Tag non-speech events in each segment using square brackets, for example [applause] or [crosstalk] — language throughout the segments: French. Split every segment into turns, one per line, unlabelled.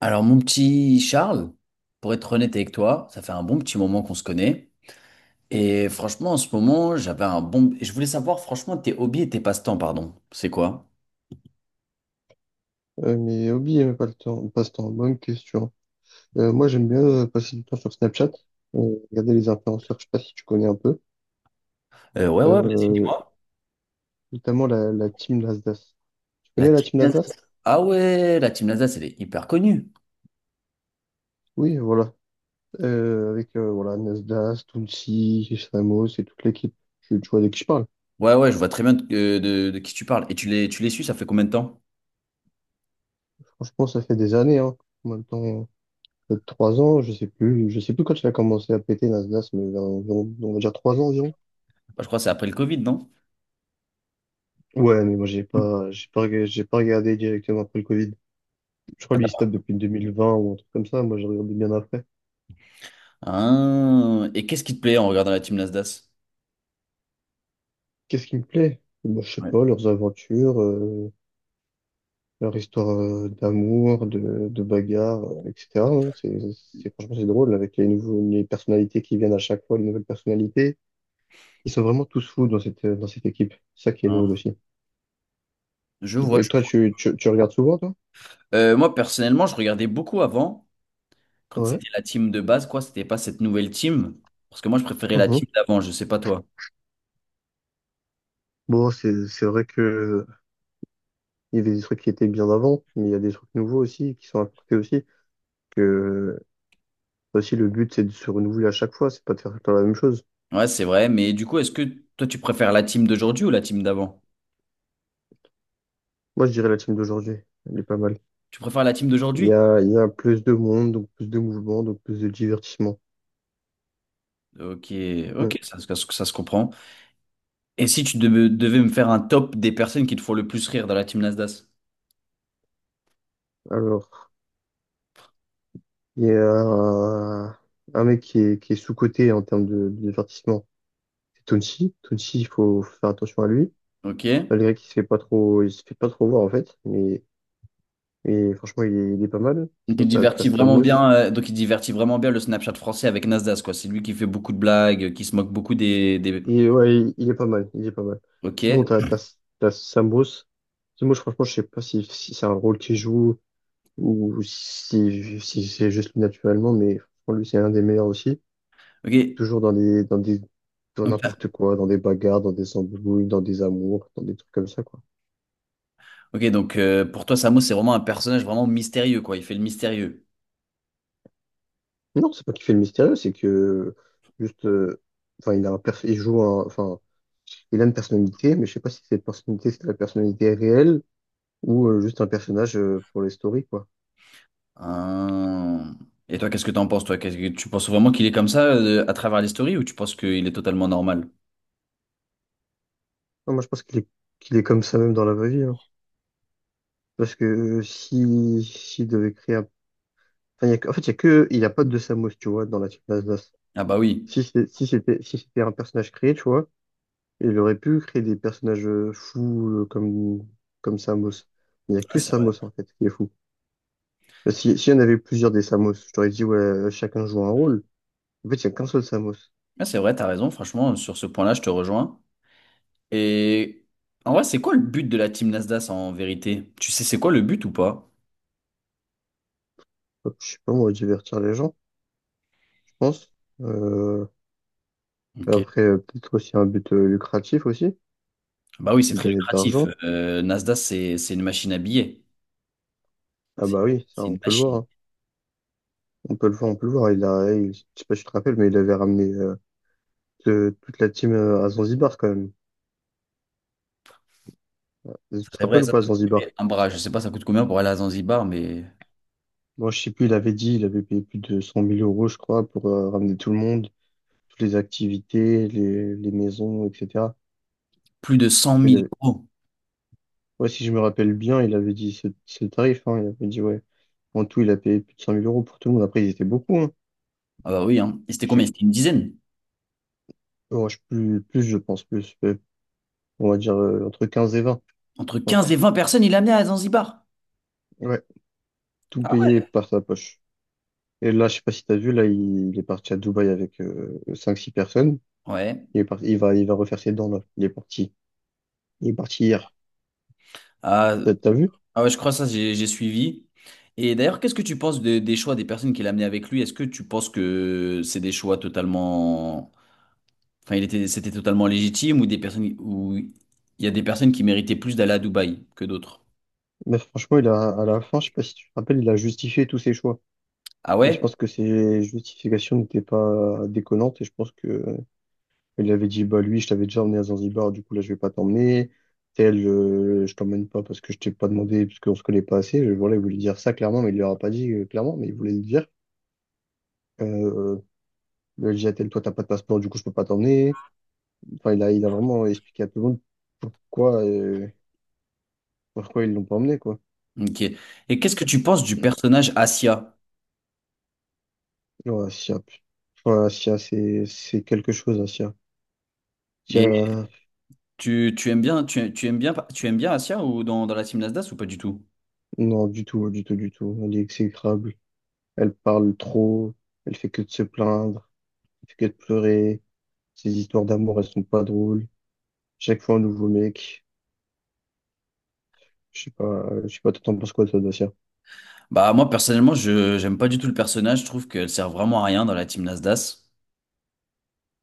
Alors, mon petit Charles, pour être honnête avec toi, ça fait un bon petit moment qu'on se connaît. Et franchement, en ce moment, j'avais un bon... Je voulais savoir, franchement, tes hobbies et tes passe-temps, pardon. C'est quoi?
Mais hobby, pas le temps, passe-temps, bonne question. Moi, j'aime bien passer du temps sur Snapchat, regarder les influenceurs, je sais pas si tu connais un peu,
Ouais, ouais, vas-y,
euh,
dis-moi.
notamment la team Nasdaq. Tu
La
connais la team
team-
Nasdaq?
Ah ouais, la Team Nasdaq, elle est hyper connue.
Oui, voilà. Avec voilà, Nasdaq, Tounsi, Ramos et toute l'équipe. Tu vois de qui je parle.
Ouais, ouais, je vois très bien de qui tu parles. Et tu les suis, ça fait combien de temps?
Franchement, ça fait des années, hein. Maintenant, peut-être 3 ans, je sais plus quand il a commencé à péter Nasdaq, mais on va dire 3 ans environ.
Bah, je crois que c'est après le Covid, non?
Ouais, mais moi, j'ai pas regardé directement après le Covid. Je crois lui, il se tape
[laughs]
depuis 2020 ou un truc comme ça. Moi, j'ai regardé bien après.
Ah, et qu'est-ce qui te plaît en regardant la Team Nasdaq?
Qu'est-ce qui me plaît? Moi, je sais
Ouais.
pas, leurs aventures, leur histoire d'amour, de bagarre, etc. hein. Franchement, c'est drôle avec les nouveaux, les personnalités qui viennent à chaque fois, les nouvelles personnalités. Ils sont vraiment tous fous dans dans cette équipe. C'est ça qui est
Hein,
drôle aussi.
je vois,
Et
je
toi,
vois.
tu regardes souvent, toi?
Moi, personnellement, je regardais beaucoup avant. Quand
Ouais.
c'était la team de base, quoi, c'était pas cette nouvelle team? Parce que moi, je préférais la
Mhm.
team d'avant, je sais pas toi.
Bon, c'est vrai que il y avait des trucs qui étaient bien avant, mais il y a des trucs nouveaux aussi, qui sont apportés aussi que toi aussi, le but, c'est de se renouveler à chaque fois, c'est pas de faire tout le temps la même chose.
Ouais, c'est vrai, mais du coup, est-ce que toi, tu préfères la team d'aujourd'hui ou la team d'avant?
Moi, je dirais la team d'aujourd'hui, elle est pas mal.
Tu préfères la team
Il
d'aujourd'hui?
y a, il y a plus de monde, donc plus de mouvement, donc plus de divertissement.
Ok,
Hmm.
ok, ça se comprend. Et si tu devais me faire un top des personnes qui te font le plus rire dans la team Nasdaq?
Alors, il y a un mec qui est sous-coté en termes de divertissement, c'est Tonsi. Tonsi, il faut faire attention à lui,
Ok.
malgré qu'il se fait pas trop, il se fait pas trop voir en fait, mais franchement, il est pas mal.
Donc, il
Sinon, t'as
divertit vraiment
Stamos.
bien, le Snapchat français avec Nasdaq, quoi. C'est lui qui fait beaucoup de blagues, qui se moque beaucoup des...
Il est, ouais, il est pas mal, il est pas mal.
Ok.
Sinon, t'as Sam Bruce. Parce que franchement, je sais pas si c'est un rôle qu'il joue ou si c'est juste naturellement, mais franchement, lui, c'est un des meilleurs aussi.
Ok.
Toujours dans
Donc,
n'importe quoi, dans des bagarres, dans des embrouilles, dans des amours, dans des trucs comme ça, quoi.
Ok, donc pour toi, Samo, c'est vraiment un personnage vraiment mystérieux, quoi. Il fait le mystérieux.
Non, c'est pas qu'il fait le mystérieux, c'est que juste, enfin, il joue un, enfin, il a une personnalité, mais je sais pas si cette personnalité, c'est la personnalité réelle ou juste un personnage pour les stories, quoi.
Hein. Et toi, qu'est-ce que t'en penses, toi? Qu'est-ce que tu penses vraiment qu'il est comme ça à travers les stories ou tu penses qu'il est totalement normal?
Non, moi, je pense qu'il est comme ça même dans la vraie vie, hein. Parce que si, s'il devait créer un... enfin, il y a que- en fait, il y a que... Il n'y a pas de deux Samus, tu vois, dans la team d'Asdas.
Ah bah oui.
Si c'était si c'était un personnage créé, tu vois, il aurait pu créer des personnages fous comme, comme Samus. Il n'y a
Ah,
que
c'est vrai.
Samus, en fait, qui est fou. Parce que Si, s'il y en avait plusieurs des Samus, je t'aurais dit, ouais, chacun joue un rôle. En fait, il n'y a qu'un seul Samus.
Ah, c'est vrai, t'as raison. Franchement, sur ce point-là, je te rejoins. Et en vrai, c'est quoi le but de la team Nasdaq en vérité? Tu sais, c'est quoi le but ou pas?
Hop, je sais pas, moi, divertir les gens, je pense. Euh,
Ok.
Après, peut-être aussi un but lucratif aussi,
Bah oui, c'est
de
très
gagner de
lucratif.
l'argent.
Nasdaq, c'est une machine à billets.
Ah
C'est
bah oui, ça
c'est
on
une
peut le voir,
machine.
hein. On peut le voir, on peut le voir. Je sais pas si tu te rappelles, mais il avait ramené toute la team à Zanzibar quand même. Tu
Ça,
te
c'est vrai,
rappelles ou
ça,
pas à
ça doit
Zanzibar?
coûter un bras. Je sais pas, ça coûte combien pour aller à Zanzibar, mais
Moi je sais plus, il avait dit, il avait payé plus de 100 000 € je crois pour ramener tout le monde, toutes les activités, les maisons, etc.
plus de cent
Tu vois, il
mille
avait-
euros.
Ouais, si je me rappelle bien, il avait dit ce tarif, hein. Il avait dit ouais. En tout, il a payé plus de 100 000 € pour tout le monde. Après, ils étaient beaucoup, hein.
Ah bah oui, hein. Et c'était
Je
combien?
sais,
C'était une dizaine.
oh, je- plus, plus je pense, plus, on va dire entre 15 et 20, je
Entre 15
pense.
et 20 personnes, il amenait à Zanzibar.
Ouais, tout
Ah
payé
ouais?
par sa poche. Et là, je sais pas si t'as vu, là, il est parti à Dubaï avec 5-6 personnes.
Ouais.
Il est parti, il va refaire ses dents, là. Il est parti. Il est parti hier.
Ah,
T'as vu?
ah ouais, je crois ça, j'ai suivi. Et d'ailleurs, qu'est-ce que tu penses de- des choix des personnes qu'il a amenait avec lui? Est-ce que tu penses que c'est des choix totalement... Enfin, il était, c'était totalement légitime ou des personnes ou il y a des personnes qui méritaient plus d'aller à Dubaï que d'autres?
Mais franchement, à la fin, je sais pas si tu te rappelles, il a justifié tous ses choix.
Ah
Et je
ouais?
pense que ses justifications n'étaient pas déconnantes. Et je pense que il avait dit, bah, lui, je t'avais déjà emmené à Zanzibar, du coup, là, je vais pas t'emmener. Tel, je t'emmène pas parce que je t'ai pas demandé, parce qu'on se connaît pas assez. Je, voilà, il voulait dire ça clairement, mais il lui aura pas dit clairement, mais il voulait le dire. Euh, Il a dit à toi, t'as pas de passeport, du coup, je peux pas t'emmener. Enfin, il a vraiment expliqué à tout le monde pourquoi, pourquoi ils l'ont pas emmené, quoi.
Ok. Et qu'est-ce que tu penses du personnage Asia?
Non, Asia, pu- enfin, Asia, c'est quelque chose, Asia.
Et
Asia,
tu aimes bien, tu, tu aimes bien Asia ou dans la team Nasdaq ou pas du tout?
non, du tout, du tout, du tout. Elle est exécrable. Elle parle trop. Elle fait que de se plaindre. Elle fait que de pleurer. Ses histoires d'amour, elles sont pas drôles. Chaque fois, un nouveau mec. Je sais pas, toi, t'en penses quoi, toi, d'Asia?
Bah moi personnellement je j'aime pas du tout le personnage, je trouve qu'elle sert vraiment à rien dans la team Nasdaq.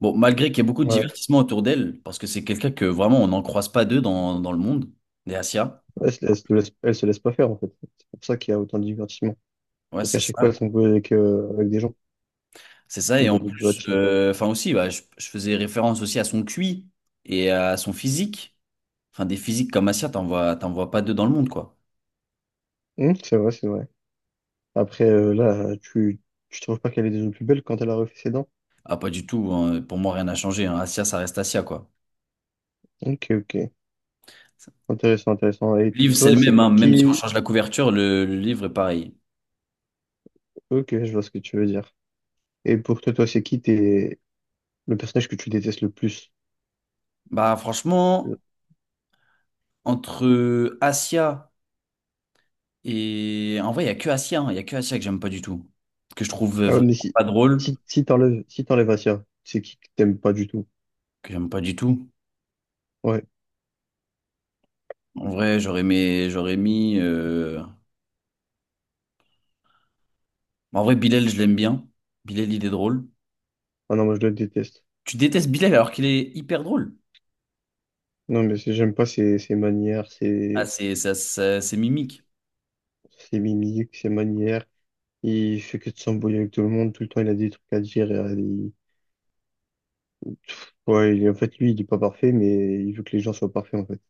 Bon, malgré qu'il y ait beaucoup de
Ouais.
divertissement autour d'elle, parce que c'est quelqu'un que vraiment on n'en croise pas deux dans le monde, des Asia.
Elle se laisse pas faire, en fait. C'est pour ça qu'il y a autant de divertissement.
Ouais,
Donc à
c'est
chaque fois,
ça.
elles sont jouées avec, avec des gens
C'est ça. Et en
de la
plus,
team.
enfin aussi, bah, je faisais référence aussi à son QI et à son physique. Enfin, des physiques comme Asia, t'en vois pas deux dans le monde, quoi.
C'est vrai, c'est vrai. Après, là, tu trouves pas qu'elle est déjà plus belle quand elle a refait ses dents?
Ah, pas du tout, hein. Pour moi, rien n'a changé, hein. Asia, ça reste Asia, quoi.
Ok, ok. Intéressant, intéressant. Et
Le livre, c'est
toi,
le même,
c'est
hein. Même si on
qui?
change la couverture, le livre est pareil.
Ok, je vois ce que tu veux dire. Et pour toi, toi, c'est qui t'es le personnage que tu détestes le plus?
Bah
Euh,
franchement, entre Asia et... En vrai, il y a que Asia, hein. Il y a que Asia que j'aime pas du tout. Que je trouve
Ah, ouais,
vraiment
mais si,
pas drôle,
si t'enlèves, si t'enlèves Asia, c'est qui que t'aimes pas du tout?
que j'aime pas du tout.
Ouais.
En vrai, j'aurais mis... J'aurais mis en vrai, Bilal, je l'aime bien. Bilal, il est drôle.
Ah non, moi, je le déteste.
Tu détestes Bilal alors qu'il est hyper drôle.
Non, mais j'aime pas ses manières,
Ah, c'est ça, c'est mimique.
ses mimiques, ses manières. Il fait que de s'embrouiller avec tout le monde, tout le temps il a des trucs à dire, et, ouais, en fait, lui, il est pas parfait, mais il veut que les gens soient parfaits, en fait.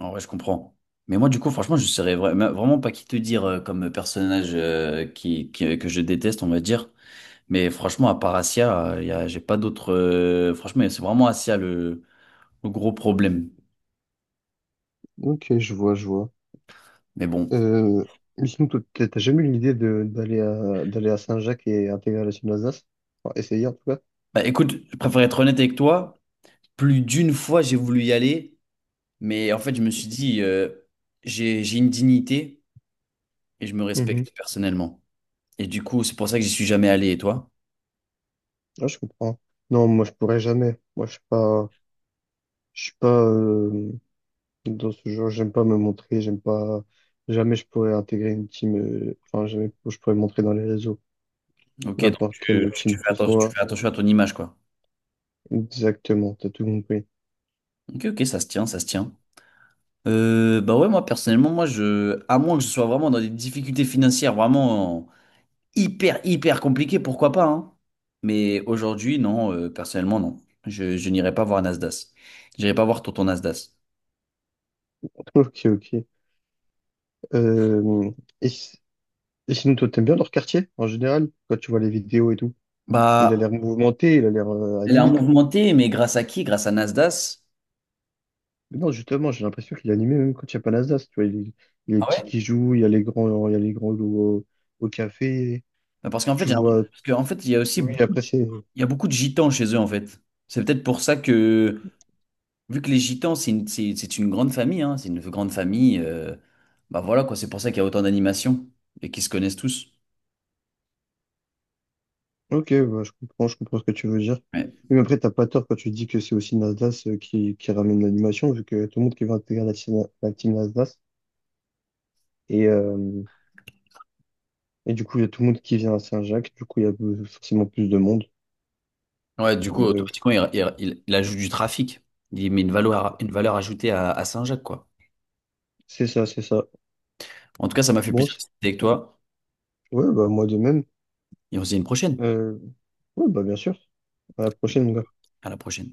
En vrai, je comprends. Mais moi, du coup, franchement, je serais vraiment pas qui te dire comme personnage que je déteste, on va dire. Mais franchement, à part Asia, j'ai pas d'autres. Franchement, c'est vraiment Asia le gros problème.
Ok, je vois, je vois.
Mais bon.
Euh, mais sinon, toi, t'as jamais eu l'idée de d'aller à Saint-Jacques et intégrer la team d'Alsace? Enfin, essayer en tout cas.
Bah, écoute, je préfère être honnête avec toi. Plus d'une fois, j'ai voulu y aller, mais en fait, je me suis dit, j'ai une dignité et je me
Mhm.
respecte personnellement. Et du coup, c'est pour ça que j'y suis jamais allé. Et toi?
Ouais, je comprends. Non, moi je pourrais jamais. Moi je suis pas dans ce genre, j'aime pas me montrer, j'aime pas jamais je pourrais intégrer une team enfin jamais je pourrais me montrer dans les réseaux,
Ok, donc
n'importe quelle team que ce
tu
soit.
fais attention à ton image, quoi.
Exactement, t'as tout compris.
Ok, ok, ça se tient, ça se tient. Bah ouais, moi, personnellement, moi, je, à moins que je sois vraiment dans des difficultés financières, vraiment, hyper, hyper compliqué, pourquoi pas, hein. Mais aujourd'hui, non, personnellement, non. Je n'irai pas voir Nasdaq. J'irai pas voir Tonton Nasdaq.
[laughs] Ok, ok. Euh, et, si- et sinon, toi, t'aimes bien leur quartier, en général, quand tu vois les vidéos et tout. Il a
Bah,
l'air mouvementé, il a l'air
elle est en
animé.
mouvementée, mais grâce à qui? Grâce à Nasdaq.
Mais non, justement, j'ai l'impression qu'il est animé même quand il n'y a pas Nasdaq. Tu vois, il y a les
Ah
petits
ouais?
qui jouent, il y a les grands, il y a les grands au, au café.
Bah,
Tu vois,
parce qu'en fait, il y a aussi
oui,
beaucoup de,
après, c'est...
il y a beaucoup de gitans chez eux, en fait. C'est peut-être pour ça que, vu que les gitans, c'est une grande famille, hein, c'est une grande famille, bah voilà, quoi, c'est pour ça qu'il y a autant d'animations et qu'ils se connaissent tous.
Ok, bah, je comprends ce que tu veux dire. Oui,
Ouais.
mais après, t'as pas tort quand tu dis que c'est aussi Nasdaq qui ramène l'animation, vu que tout le monde qui veut intégrer la team Nasdaq. Et... euh, Et du coup, il y a tout le monde qui vient à Saint-Jacques. Du coup, il y a plus- forcément plus de monde.
Ouais, du coup,
Euh,
automatiquement, il ajoute du trafic. Il met une valeur ajoutée à Saint-Jacques, quoi.
c'est ça, c'est ça.
En tout cas, ça m'a fait
Bon,
plaisir de
c'est-
discuter avec toi.
ouais, bah, moi de même.
Et on se dit à une prochaine.
Euh, ouais, bah, bien sûr. À la prochaine, mon gars.
À la prochaine.